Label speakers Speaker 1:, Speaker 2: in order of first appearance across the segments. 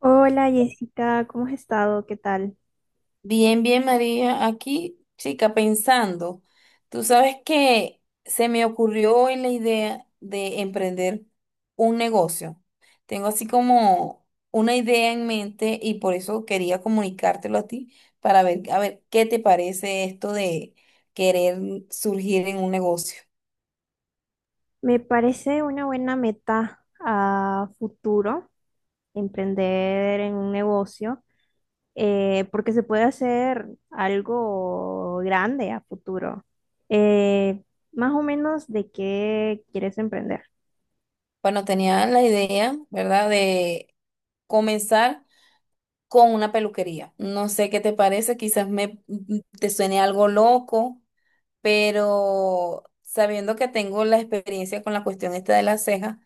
Speaker 1: Hola Jessica, ¿cómo has estado? ¿Qué tal?
Speaker 2: Bien, bien, María. Aquí, chica, pensando, tú sabes que se me ocurrió hoy la idea de emprender un negocio. Tengo así como una idea en mente y por eso quería comunicártelo a ti para ver, a ver, qué te parece esto de querer surgir en un negocio.
Speaker 1: Me parece una buena meta a futuro emprender en un negocio, porque se puede hacer algo grande a futuro. Eh, Más o menos, ¿de qué quieres emprender?
Speaker 2: Bueno, tenía la idea, ¿verdad? De comenzar con una peluquería. No sé qué te parece, quizás me te suene algo loco, pero sabiendo que tengo la experiencia con la cuestión esta de las cejas,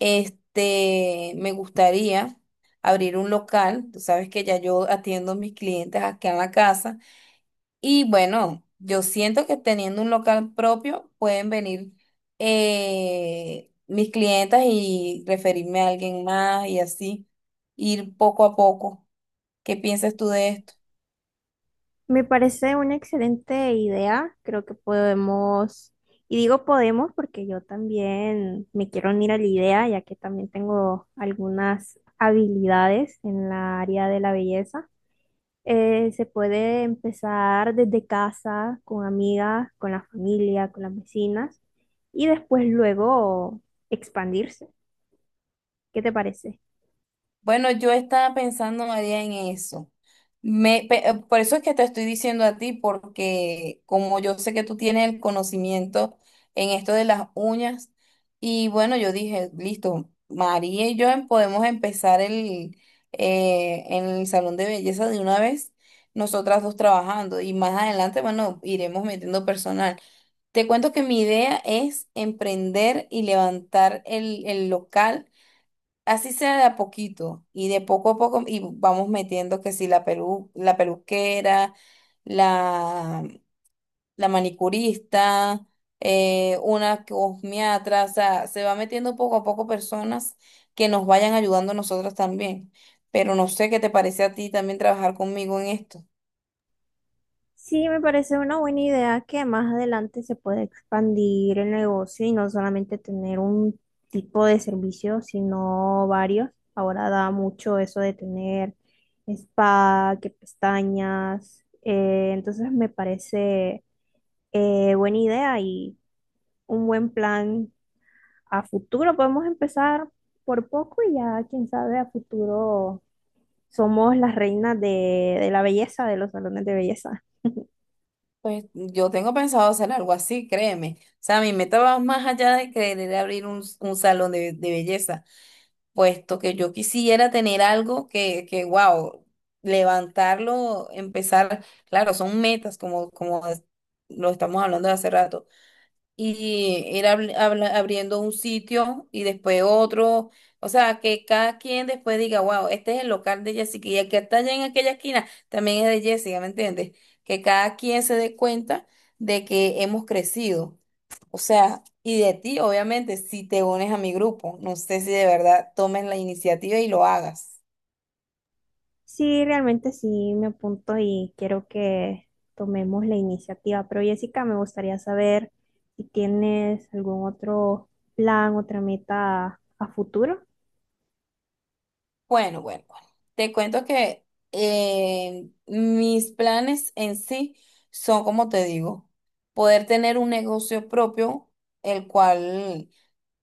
Speaker 2: este, me gustaría abrir un local. Tú sabes que ya yo atiendo a mis clientes aquí en la casa y bueno, yo siento que teniendo un local propio pueden venir mis clientas y referirme a alguien más y así ir poco a poco. ¿Qué piensas tú de esto?
Speaker 1: Me parece una excelente idea. Creo que podemos, y digo podemos porque yo también me quiero unir a la idea, ya que también tengo algunas habilidades en la área de la belleza. Se puede empezar desde casa, con amigas, con la familia, con las vecinas, y después luego expandirse. ¿Qué te parece?
Speaker 2: Bueno, yo estaba pensando, María, en eso. Me, pe- por eso es que te estoy diciendo a ti, porque como yo sé que tú tienes el conocimiento en esto de las uñas, y bueno, yo dije, listo, María y yo em- podemos empezar el, en el salón de belleza de una vez, nosotras dos trabajando, y más adelante, bueno, iremos metiendo personal. Te cuento que mi idea es emprender y levantar el local. Así sea de a poquito y de poco a poco y vamos metiendo que si la pelu, la peluquera, la, la manicurista, una cosmiatra, o sea, se va metiendo poco a poco personas que nos vayan ayudando a nosotros también. Pero no sé qué te parece a ti también trabajar conmigo en esto.
Speaker 1: Sí, me parece una buena idea que más adelante se pueda expandir el negocio y no solamente tener un tipo de servicio, sino varios. Ahora da mucho eso de tener spa, que pestañas. Entonces me parece buena idea y un buen plan a futuro. Podemos empezar por poco y ya, quién sabe, a futuro somos las reinas de la belleza, de los salones de belleza.
Speaker 2: Pues yo tengo pensado hacer algo así, créeme. O sea, mi meta va más allá de querer abrir un salón de belleza, puesto que yo quisiera tener algo que wow, levantarlo, empezar, claro, son metas como, como es- lo estamos hablando de hace rato, y ir abri- habla- abriendo un sitio y después otro, o sea, que cada quien después diga, wow, este es el local de Jessica y el que está allá en aquella esquina también es de Jessica, ¿me entiendes? Que cada quien se dé cuenta de que hemos crecido. O sea, y de ti, obviamente, si te unes a mi grupo, no sé si de verdad tomes la iniciativa y lo hagas.
Speaker 1: Sí, realmente sí me apunto y quiero que tomemos la iniciativa. Pero Jessica, me gustaría saber si tienes algún otro plan, otra meta a futuro.
Speaker 2: Bueno, bueno, bueno. Te cuento que mis planes en sí son, como te digo, poder tener un negocio propio, el cual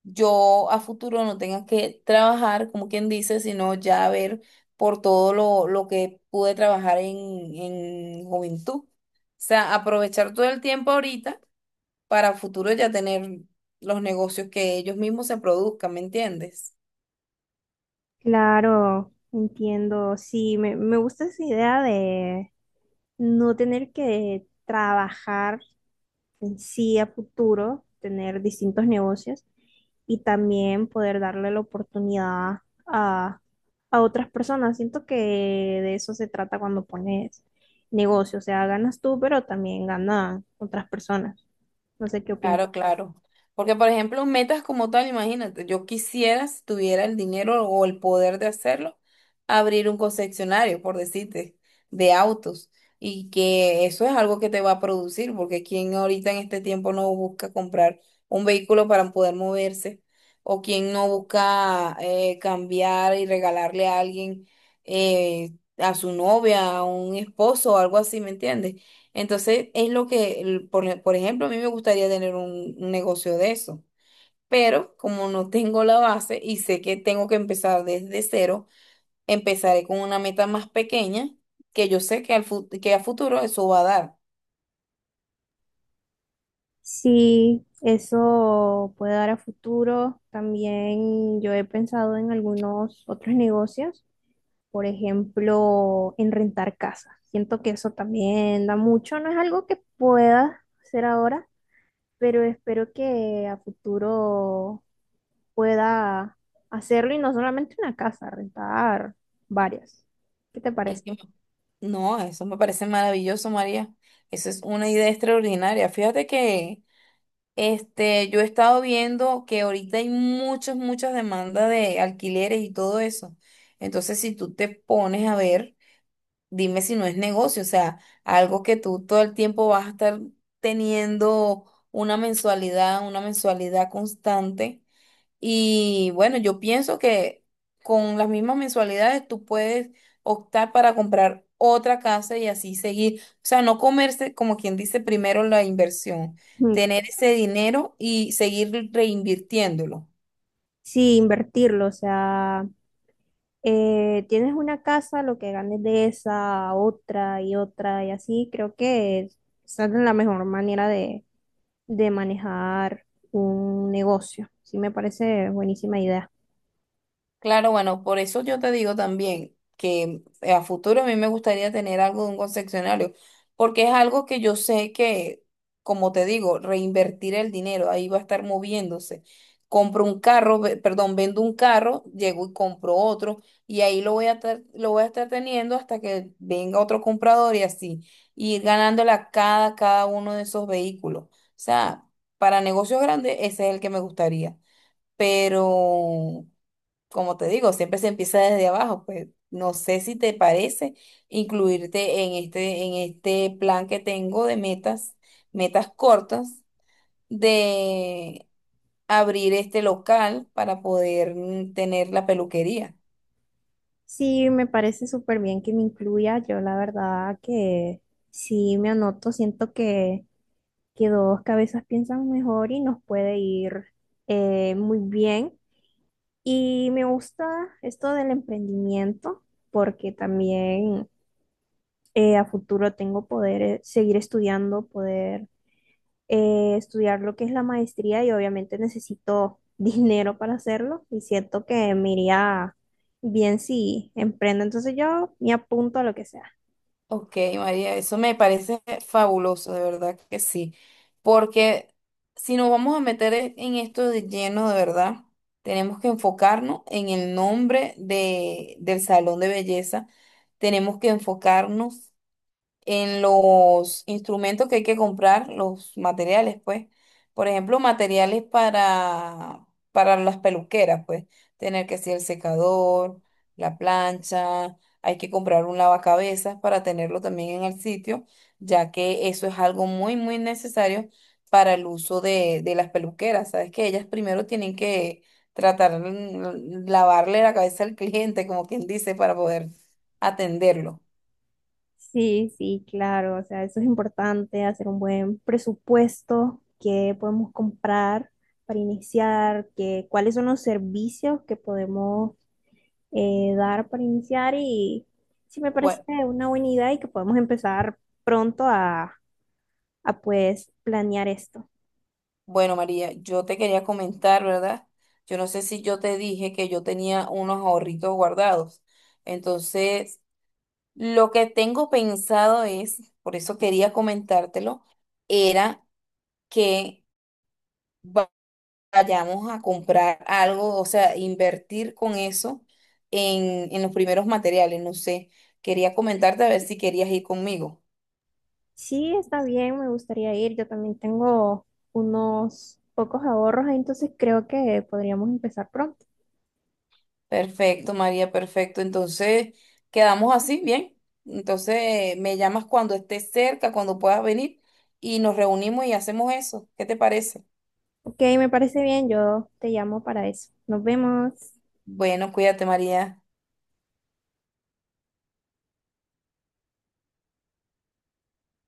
Speaker 2: yo a futuro no tenga que trabajar, como quien dice, sino ya ver por todo lo que pude trabajar en juventud. O sea, aprovechar todo el tiempo ahorita para futuro ya tener los negocios que ellos mismos se produzcan, ¿me entiendes?
Speaker 1: Claro, entiendo. Sí, me gusta esa idea de no tener que trabajar sí a futuro, tener distintos negocios y también poder darle la oportunidad a, a otras personas. Siento que de eso se trata cuando pones negocio, o sea, ganas tú, pero también ganan otras personas. No sé qué opinas.
Speaker 2: Claro, claro. Porque, por ejemplo, metas como tal, imagínate, yo quisiera, si tuviera el dinero o el poder de hacerlo, abrir un concesionario, por decirte, de autos. Y que eso es algo que te va a producir, porque quien ahorita en este tiempo no busca comprar un vehículo para poder moverse, o quien no busca cambiar y regalarle a alguien, eh, a su novia, a un esposo o algo así, ¿me entiendes? Entonces, es lo que, el- por ejemplo, a mí me gustaría tener un negocio de eso, pero como no tengo la base y sé que tengo que empezar desde cero, empezaré con una meta más pequeña que yo sé que, al, fu- que a futuro eso va a dar.
Speaker 1: Sí, eso puede dar a futuro. También yo he pensado en algunos otros negocios, por ejemplo, en rentar casas. Siento que eso también da mucho, no es algo que pueda hacer ahora, pero espero que a futuro pueda hacerlo y no solamente una casa, rentar varias. ¿Qué te
Speaker 2: Es
Speaker 1: parece?
Speaker 2: que, no, eso me parece maravilloso, María. Eso es una idea extraordinaria. Fíjate que este, yo he estado viendo que ahorita hay muchas, muchas demandas de alquileres y todo eso. Entonces, si tú te pones a ver, dime si no es negocio, o sea, algo que tú todo el tiempo vas a estar teniendo una mensualidad constante. Y bueno, yo pienso que con las mismas mensualidades tú puedes optar para comprar otra casa y así seguir, o sea, no comerse, como quien dice, primero la inversión,
Speaker 1: Mm,
Speaker 2: tener ese dinero y seguir reinvirtiéndolo.
Speaker 1: Sí, invertirlo, o sea, tienes una casa, lo que ganes de esa, otra y otra y así, creo que esa es la mejor manera de manejar un negocio. Sí, me parece buenísima idea.
Speaker 2: Claro, bueno, por eso yo te digo también que a futuro a mí me gustaría tener algo de un concesionario, porque es algo que yo sé que, como te digo, reinvertir el dinero, ahí va a estar moviéndose. Compro un carro, ve- perdón, vendo un carro, llego y compro otro, y ahí lo voy a estar, lo voy a estar teniendo hasta que venga otro comprador y así, y ir ganándole a cada, cada uno de esos vehículos. O sea, para negocios grandes, ese es el que me gustaría, pero como te digo, siempre se empieza desde abajo, pues no sé si te parece incluirte en este plan que tengo de metas, metas cortas, de abrir este local para poder tener la peluquería.
Speaker 1: Sí, me parece súper bien que me incluya. Yo la verdad que sí me anoto. Siento que dos cabezas piensan mejor y nos puede ir muy bien. Y me gusta esto del emprendimiento porque también a futuro tengo poder seguir estudiando, poder estudiar lo que es la maestría y obviamente necesito dinero para hacerlo y siento que me iría bien si emprendo. Entonces yo me apunto a lo que sea.
Speaker 2: Ok, María, eso me parece fabuloso, de verdad que sí. Porque si nos vamos a meter e- en esto de lleno, de verdad, tenemos que enfocarnos en el nombre de, del salón de belleza. Tenemos que enfocarnos en los instrumentos que hay que comprar, los materiales, pues. Por ejemplo, materiales para las peluqueras, pues. Tener que ser el secador, la plancha, hay que comprar un lavacabezas para tenerlo también en el sitio, ya que eso es algo muy, muy necesario para el uso de las peluqueras. Sabes que ellas primero tienen que tratar, lavarle la cabeza al cliente, como quien dice, para poder atenderlo.
Speaker 1: Sí, sí, claro, o sea, eso es importante, hacer un buen presupuesto, qué podemos comprar para iniciar, qué, cuáles son los servicios que podemos dar para iniciar y sí me parece una buena idea y que podemos empezar pronto a pues planear esto.
Speaker 2: Bueno, María, yo te quería comentar, ¿verdad? Yo no sé si yo te dije que yo tenía unos ahorritos guardados. Entonces, lo que tengo pensado es, por eso quería comentártelo, era que va- vayamos a comprar algo, o sea, invertir con eso en los primeros materiales. No sé, quería comentarte a ver si querías ir conmigo.
Speaker 1: Sí, está bien, me gustaría ir. Yo también tengo unos pocos ahorros, entonces creo que podríamos empezar pronto.
Speaker 2: Perfecto, María, perfecto. Entonces, quedamos así, bien. Entonces, me llamas cuando estés cerca, cuando puedas venir, y nos reunimos y hacemos eso. ¿Qué te parece?
Speaker 1: Ok, me parece bien, yo te llamo para eso. Nos vemos.
Speaker 2: Bueno, cuídate, María.